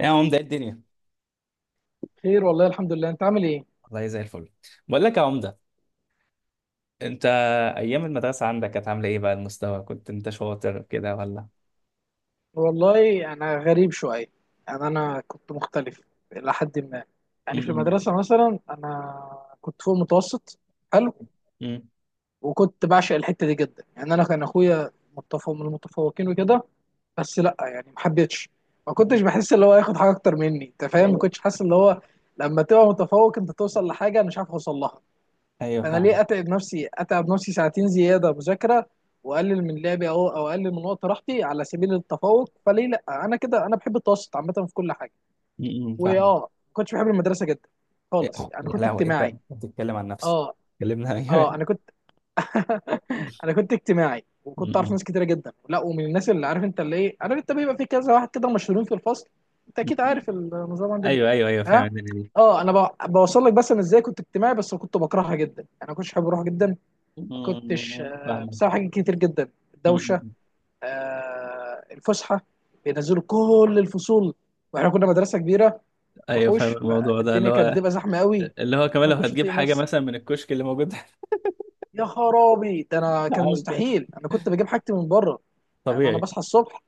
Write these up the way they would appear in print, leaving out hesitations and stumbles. ايه يا عمدة؟ إيه الدنيا؟ خير والله الحمد لله، انت عامل ايه؟ والله زي الفل. بقول لك يا عمدة، انت ايام المدرسة عندك كانت عاملة ايه بقى؟ المستوى كنت انت شاطر كده ولا والله انا غريب شويه. يعني انا كنت مختلف الى حد ما. يعني في م- المدرسه مثلا انا كنت فوق المتوسط. حلو. م- وكنت بعشق الحته دي جدا. يعني انا كان اخويا متفوق من المتفوقين وكده. بس لا يعني ما حبيتش، ما كنتش م- بحس اللي هو ياخد حاجه اكتر مني. انت فاهم؟ ما م- كنتش حاسس اللي هو لما تبقى متفوق انت توصل لحاجه انا مش عارف اوصل لها. ايوه انا فاهم. ليه اتعب نفسي، اتعب نفسي ساعتين زياده مذاكره، واقلل من لعبي او اقلل من وقت راحتي على سبيل التفوق؟ فليه؟ لا انا كده، انا بحب التوسط عامه في كل حاجه. فاهم. واه، ما كنتش بحب المدرسه جدا خالص. يعني يا كنت لهوي انت اجتماعي. بتتكلم عن نفسك. اه كلمنا اه. ايوه. انا كنت انا كنت اجتماعي، وكنت اعرف م- ناس كتيره جدا. لا، ومن الناس اللي عارف انت اللي ايه، عارف انت بيبقى في كذا واحد كده مشهورين في الفصل. انت م- اكيد م- عارف النظام عندنا. ايوه ايوه ايوه فاهم ها. الدنيا دي. اه انا بوصل لك. بس انا ازاي كنت اجتماعي بس كنت بكرهها جدا، انا كنتش حابب اروح جدا. ما كنتش، م-م. فاهم. بسبب حاجات كتير جدا: الدوشه، م-م. الفسحه، بينزلوا كل الفصول، واحنا كنا مدرسه كبيره ايوه فاهم وحوش، الموضوع ده اللي فالدنيا كانت هو بتبقى زحمه قوي، كمان انا ما لو كنتش هتجيب اطيق حاجة نفسي. مثلا من الكشك اللي موجود. يا خرابي، ده انا كان عارف كده، مستحيل، انا كنت بجيب حاجتي من بره. يعني انا طبيعي. بصحى الصبح.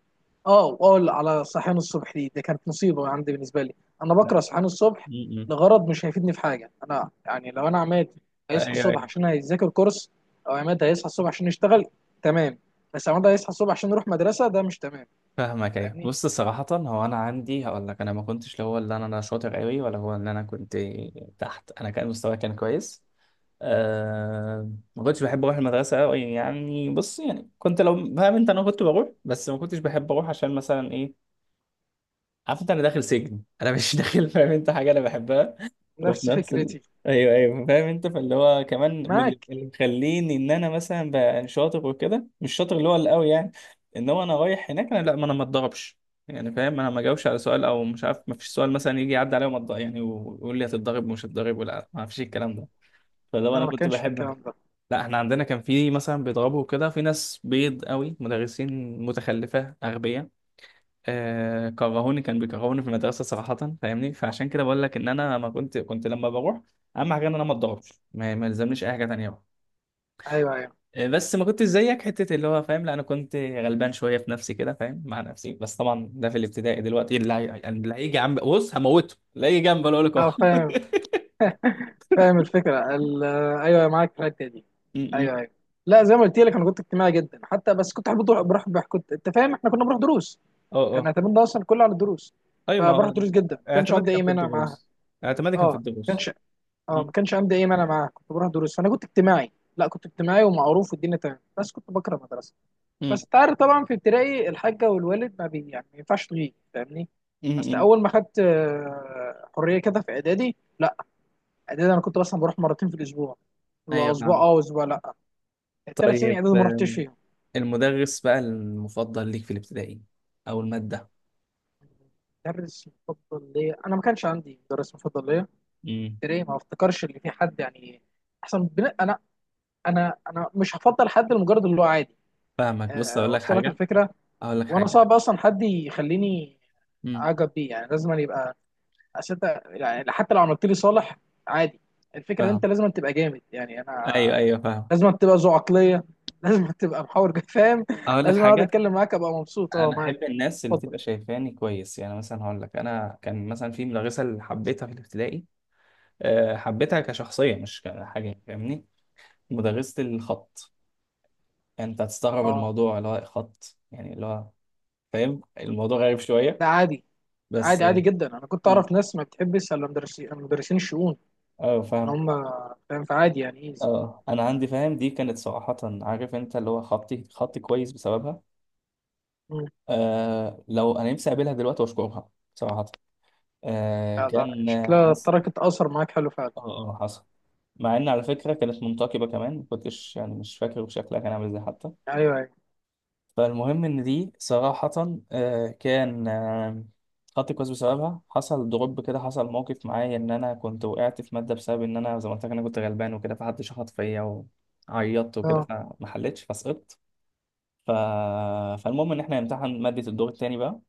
اه، وأقول على صحيان الصبح دي، ده كانت مصيبه عندي بالنسبه لي. انا لا. بكره صحيان الصبح م. لغرض مش هيفيدني في حاجه. انا يعني لو انا عماد هيصحى ايوه الصبح أيوه. عشان هيذاكر كورس، او عماد هيصحى الصبح عشان يشتغل، تمام. بس عماد هيصحى الصبح عشان يروح مدرسه، ده مش تمام. فاهمك، ايوه فاهمني؟ بص صراحة هو انا عندي هقول لك انا ما كنتش، لا هو اللي أنا شاطر قوي ولا هو اللي انا كنت تحت. انا كان مستواي كان كويس. أه، ما كنتش بحب اروح المدرسة قوي يعني. بص يعني كنت لو فاهم انت انا كنت بروح بس ما كنتش بحب اروح عشان مثلا ايه، عارف انت انا داخل سجن انا مش داخل. فاهم انت حاجة انا بحبها وفي نفس نفس فكرتي. ايوه ايوه فاهم انت. فاللي هو كمان اللي معاك. اللي مخليني ان انا مثلا بقى شاطر وكده مش شاطر اللي هو القوي، يعني ان هو انا رايح هناك انا، لا ما انا ما اتضربش. يعني فاهم انا ما جاوبش على سؤال او مش عارف، ما فيش سؤال مثلا يجي يعدي عليا وما يعني ويقول لي هتتضرب ومش هتتضرب، ولا ما فيش الكلام ده. فلو انا انا ما كنت كانش في بحب. الكلام ده. لا احنا عندنا كان في مثلا بيضربوا كده، في ناس بيض قوي، مدرسين متخلفه اغبياء. كرهوني، كان بيكرهوني في المدرسه صراحه. فاهمني، فعشان كده بقول لك ان انا ما كنت لما بروح اهم حاجه ان انا ما اتضربش، ما يلزمنيش اي حاجه تانيه بقى. ايوه ايوه بس ما كنتش زيك حته اللي هو فاهم. لا انا كنت غلبان شويه في نفسي كده، فاهم، مع نفسي بس. طبعا ده في الابتدائي دلوقتي. اللي هيجي جنب بص هموته، اللي هيجي جنب اقول لك اه، اه فاهم. فاهم الفكره ال- آه، ايوه، معاك في الحته دي. م- م. ايوه ايوه. لا، زي ما قلت لك انا كنت اجتماعي جدا حتى. بس كنت احب بروح، كنت انت فاهم؟ احنا كنا بنروح دروس. اه كان اه. اعتمادنا ده اصلا كله على الدروس. ايوه ما هو فبروح دروس جدا، ما كانش اعتمادي عندي كان اي في مانع معاها. الدروس، اعتمادي كان اه، في الدروس. كانش اه م- ما كانش عندي اي مانع معاها، كنت بروح دروس. فانا كنت اجتماعي، لا كنت اجتماعي ومعروف والدنيا تمام، بس كنت بكره المدرسه. م. بس انت عارف طبعا في ابتدائي الحاجه والوالد ما بي، يعني ما ينفعش تغيب، فاهمني؟ م- بس م. اول ما خدت حريه كده في اعدادي، لا، اعدادي انا كنت مثلا بروح مرتين في الاسبوع، ايوه واسبوع نعم. اه واسبوع لا. الثلاث سنين طيب اعدادي ما رحتش فيهم. المدرس بقى المفضل ليك في الابتدائي او المادة؟ مدرس مفضل ليا؟ انا ما كانش عندي مدرس مفضل ليا. امم. تري ما افتكرش ان في حد يعني احسن انا. انا مش هفضل حد لمجرد اللي هو عادي. فاهمك، بص أه، اقول لك وصل لك حاجة، الفكره. اقول لك وانا حاجة. صعب اصلا حد يخليني امم. اعجب بيه. يعني لازم أن يبقى أسد. يعني حتى لو عملت لي صالح، عادي. الفكره ان انت فاهم، لازم أن تبقى جامد. يعني ايوه انا ايوه فاهم. لازم أن تبقى ذو عقليه، لازم أن تبقى فاهم. اقول لك لازم اقعد حاجة، اتكلم معاك ابقى مبسوط اه انا معاك. احب الناس اللي اتفضل. تبقى شايفاني كويس. يعني مثلا هقول لك انا كان مثلا في مدرسة اللي حبيتها في الابتدائي، أه حبيتها كشخصية مش كحاجة، فاهمني؟ مدرسة الخط. يعني انت هتستغرب اه، الموضوع اللي هو خط، يعني اللي هو فاهم الموضوع غريب شوية، ده عادي، بس عادي عادي اه. جدا. انا كنت مم. اعرف ناس ما بتحبش الا مدرسين الشؤون. ان فاهم. هم فاهم، فعادي يعني، ايه. اه، انا عندي فاهم، دي كانت صراحة عارف انت اللي هو خطي، خطي كويس بسببها. مم. آه، لو انا نفسي اقابلها دلوقتي واشكرها صراحة. آه لا لا، كان شكلها حصل. تركت اثر معاك حلو فعلا. اه. اه حصل. مع ان على فكرة كانت منتقبة كمان، ما كنتش يعني، مش فاكر شكلها كان عامل ازاي حتى. ايوه ايوه فالمهم ان دي صراحة، آه كان آه خطي كويس بسببها. حصل دروب كده، حصل موقف معايا ان انا كنت وقعت في مادة بسبب ان انا زي ما قلت لك انا كنت غلبان وكده، فحد شخط فيا وعيطت وكده، اه فما حلتش فسقطت. ف... فالمهم ان احنا نمتحن ماده الدور التاني بقى.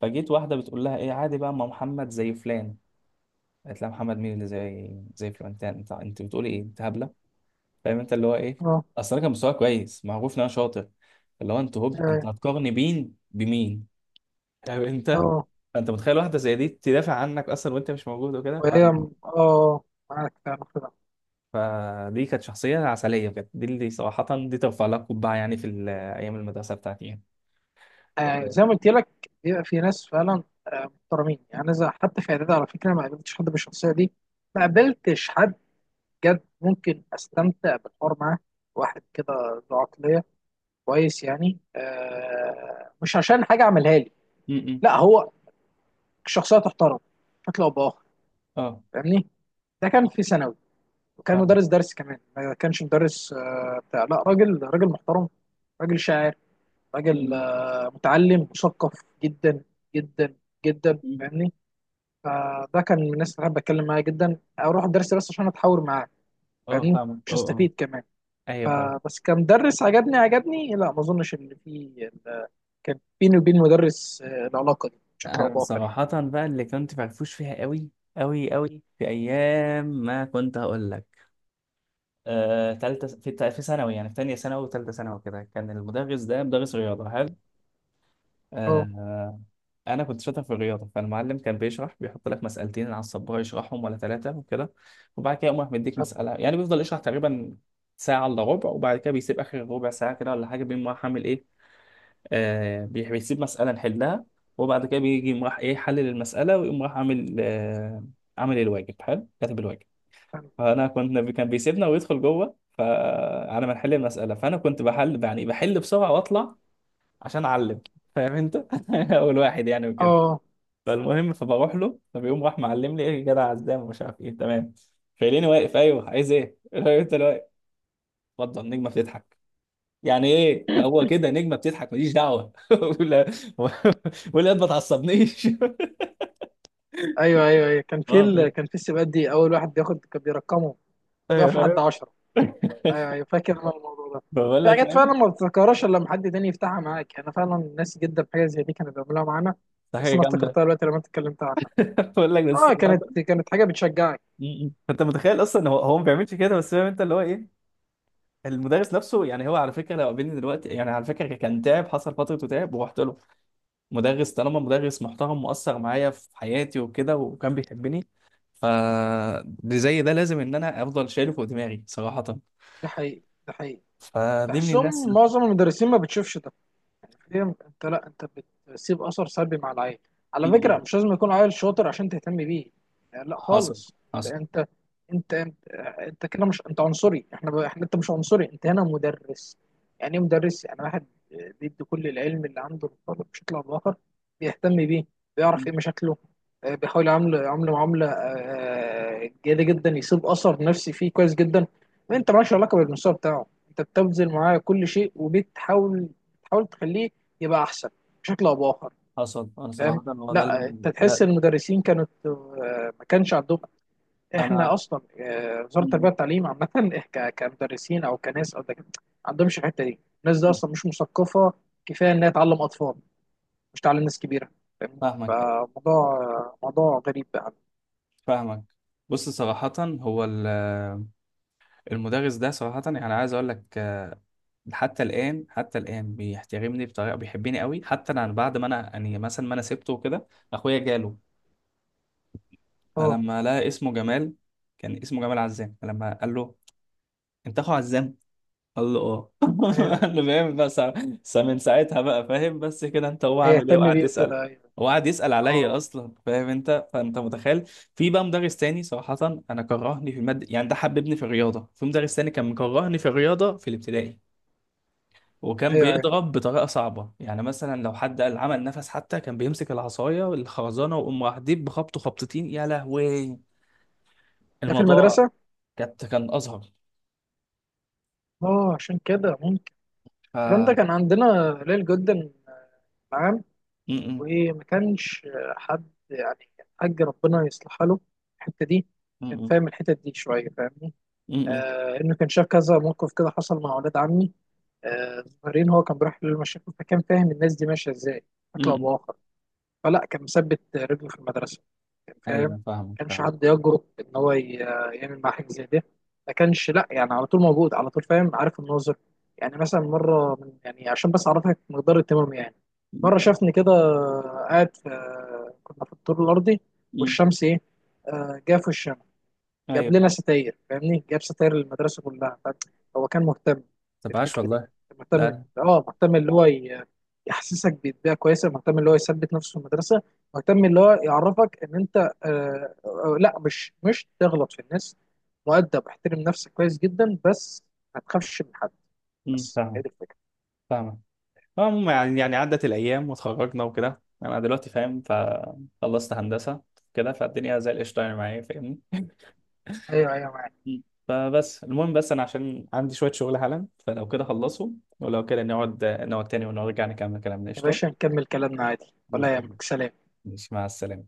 فجيت واحده بتقول لها ايه عادي بقى، ما محمد زي فلان. قالت لها محمد مين اللي زي فلان؟ انت انت بتقولي ايه، انت هبله؟ فاهم انت اللي هو ايه، اه اصل انا كان مستواي كويس، معروف ان انا شاطر. اللي هو انت انت ايوه هتقارني بين بمين؟ فاهم انت؟ اه. فانت متخيل واحده زي دي تدافع عنك اصلا وانت مش موجود وكده. وهي اه، معاك فعلا كده. فدي كانت شخصيه عسليه بجد، دي اللي صراحه دي ترفع لها قبعه يعني، في ايام المدرسه بتاعتي يعني. آه، زي ما قلت لك بيبقى في ناس فعلا آه محترمين. يعني أنا حتى في اعدادي على فكره ما قابلتش حد بالشخصيه دي، ما قابلتش حد جد ممكن استمتع بالحوار معاه، واحد كده ذو عقليه كويس. يعني آه مش عشان حاجه عملها لي، م- م. لا، هو شخصيه تحترم بشكل او باخر، اه فاهمني؟ ده كان في ثانوي. وكان فاهم. مدرس درس كمان، ما كانش مدرس بتاع، لا راجل، راجل محترم، راجل شاعر، راجل م- متعلم مثقف جدا جدا جدا، م. فاهمني؟ فده كان من الناس اللي بحب اتكلم معاه جدا، اروح الدرس بس عشان اتحاور معاه، اه فاهمني، فاهمك، مش اه اه استفيد كمان. ايوه فاهم. فبس كمدرس عجبني. لا ما اظنش ان في، كان بيني وبين مدرس العلاقه دي بشكل او انا باخر يعني. صراحة بقى اللي كنت فرفوش فيها قوي قوي قوي، في ايام ما كنت هقول لك آه، تالتة في في ثانوي، يعني في تانية ثانوي وتالتة ثانوي كده، كان المدرس ده مدرس رياضة حلو. اه آه، انا كنت شاطر في الرياضة. فالمعلم كان بيشرح، بيحط لك مسألتين على السبورة يشرحهم ولا ثلاثة وكده، وبعد كده يقوم راح مديك فاهم- مسألة. يعني بيفضل يشرح تقريبا ساعة إلا ربع، وبعد كده بيسيب آخر ربع ساعة كده ولا حاجة بيقوم راح عامل إيه؟ بيسيب مسألة نحلها، وبعد كده بيجي يقوم راح ايه، حلل المسألة ويقوم راح عامل عامل الواجب حلو، كاتب الواجب. فاهم. فأنا كنت، كان بيسيبنا ويدخل جوه، فعلى ما نحل المسألة، فأنا كنت بحل، يعني بحل بسرعة وأطلع عشان أعلم، فاهم أنت؟ أول واحد يعني وكده. اه. فالمهم فبروح له، فبيقوم راح معلم لي ايه، يا جدع عزام ومش عارف ايه تمام. فيليني واقف، ايوه عايز ايه؟ قلت له انت اللي واقف. اتفضل نجمة بتضحك. يعني ايه هو كده، نجمه بتضحك ماليش دعوه ولا ولا ما تعصبنيش ايوه ايوه ايوه، كان في اه فاهم. السباقات دي اول واحد بياخد كان بيرقمه، ايوه بيقف لحد فاهم. 10. ايوه ايوه، فاكر انا الموضوع ده. بقول في لك حاجات فعلا فاهم. ما بتتذكرهاش الا لما حد تاني يفتحها معاك. يعني انا فعلا ناسي جدا حاجه زي دي كانوا بيعملوها معانا. ده بس حاجه انا جامده. افتكرتها دلوقتي لما انت اتكلمت عنها. بقول لك، بس اه، كانت كانت حاجه بتشجعك. م-م. فانت متخيل اصلا هو، ما بيعملش كده بس، فاهم انت اللي هو ايه، المدرس نفسه يعني. هو على فكره لو قابلني دلوقتي، يعني على فكره كان تعب، حصل فتره تعب ورحت له. مدرس طالما مدرس محترم، مؤثر معايا في حياتي وكده، وكان بيحبني. ف زي ده لازم ان انا افضل شايله فوق دماغي صراحه. ده حقيقي، ده حقيقي. فدي من الناس. بحسهم معظم المدرسين ما بتشوفش. فهمت انت؟ لا، انت بتسيب اثر سلبي مع العيل. على فكره مش لازم يكون عيل شاطر عشان تهتم بيه، يعني لا حصل خالص. حصل انت انت انت انت, انت كده، مش انت عنصري. احنا احنا، انت مش عنصري، انت هنا مدرس. يعني ايه مدرس؟ يعني واحد بيدي كل العلم اللي عنده للطالب بشكل او باخر، بيهتم بيه، بيعرف ايه مشاكله، بيحاول يعامله معامله جيده جدا، يسيب اثر نفسي فيه كويس جدا. انت مالكش علاقه بالمستوى بتاعه، انت بتبذل معاه كل شيء وبتحاول تخليه يبقى احسن بشكل او باخر. حصل. انا فاهم. صراحة هو ده اللي لا، انت تحس ده ان المدرسين كانت ما كانش عندهم. احنا انا. اصلا وزاره التربيه م- والتعليم عامه، كمدرسين او كناس او دكاتره، ما عندهمش الحته دي. الناس دي م- اصلا مش مثقفه، كفايه انها تعلم اطفال، مش تعلم ناس كبيره، فاهمني؟ فاهمك، فموضوع موضوع غريب بقى. فاهمك. بص صراحة هو المدرس ده صراحة، يعني عايز اقول لك آه، حتى الآن، حتى الآن بيحترمني بطريقة، بيحبني قوي، حتى انا بعد ما انا يعني مثلا ما انا سبته وكده. اخويا جاله، اه فلما لقى اسمه جمال، كان اسمه جمال عزام، فلما قال له انت اخو عزام؟ قال له اه. آه، قال له فاهم بس، بس من ساعتها بقى فاهم، بس كده انت هو عامل ايه، هيهتم وقعد بيه يسأل. وكده، ايوه. هو قعد يسأل عليا اه اصلا، فاهم انت؟ فانت متخيل. في بقى مدرس تاني صراحة انا كرهني في المادة. يعني ده حببني في الرياضة، في مدرس تاني كان مكرهني في الرياضة في الابتدائي، وكان ايوه ايوه، بيضرب بطريقة صعبة، يعني مثلا لو حد قال عمل نفس حتى كان بيمسك العصاية والخرزانة ويقوم راح ديب بخبطه خبطتين، يا لهوي ده في الموضوع. المدرسه. كانت كان أزهر. اه عشان كده ممكن ف الكلام ده م- كان عندنا قليل جدا معاه. م- وما كانش حد يعني، حاج ربنا يصلحها له الحته دي. كان م- فاهم الحتت دي شويه، فاهمني؟ م- آه، انه كان شاف كذا موقف كده حصل مع اولاد عمي آه صغيرين. هو كان بيروح للمشاكل، فكان فاهم الناس دي ماشيه ازاي م- بشكل او م- باخر. فلا، كان مثبت رجله في المدرسه، كان فاهم. ايوه ما فاهمك، كانش فاهمك. حد يجرؤ ان هو يعمل مع حاجه زي ده. ما كانش، لا يعني على طول موجود، على طول فاهم، عارف الناظر. يعني مثلا مره، من يعني عشان بس اعرفك مقدار اهتمامي. يعني مم. مره شافني كده قاعد في، كنا في الدور الارضي، مم. والشمس ايه جا في وشنا. ايوه جاب لنا فاهم. ستاير، فاهمني؟ جاب ستاير للمدرسه كلها، فاهم؟ هو كان مهتم طب عاش بالفكره دي، والله. كان لا مهتم. لا. اه، مهتم اللي هو يحسسك ببيئه كويسه، مهتم اللي هو يثبت نفسه في المدرسه، مهتم اللي هو يعرفك ان انت آه لا، مش تغلط في الناس، مؤدب، احترم نفسك كويس جدا، بس ما تخافش من حد. مم. بس هي فاهم، دي الفكره. فاهم. المهم، يعني يعني عدت الايام واتخرجنا وكده، انا دلوقتي فاهم، فخلصت هندسه كده، فالدنيا زي القشطه يعني معايا، فاهمني؟ ايوه ايوه، معاك. مم. فبس المهم، بس انا عشان عندي شويه شغل حالا، فلو كده خلصوا، ولو كده نقعد تاني ونرجع نكمل كلامنا يا قشطه باشا، نكمل كلامنا عادي. ولا بإذن الله. يهمك، سلام. ماشي، مع السلامه.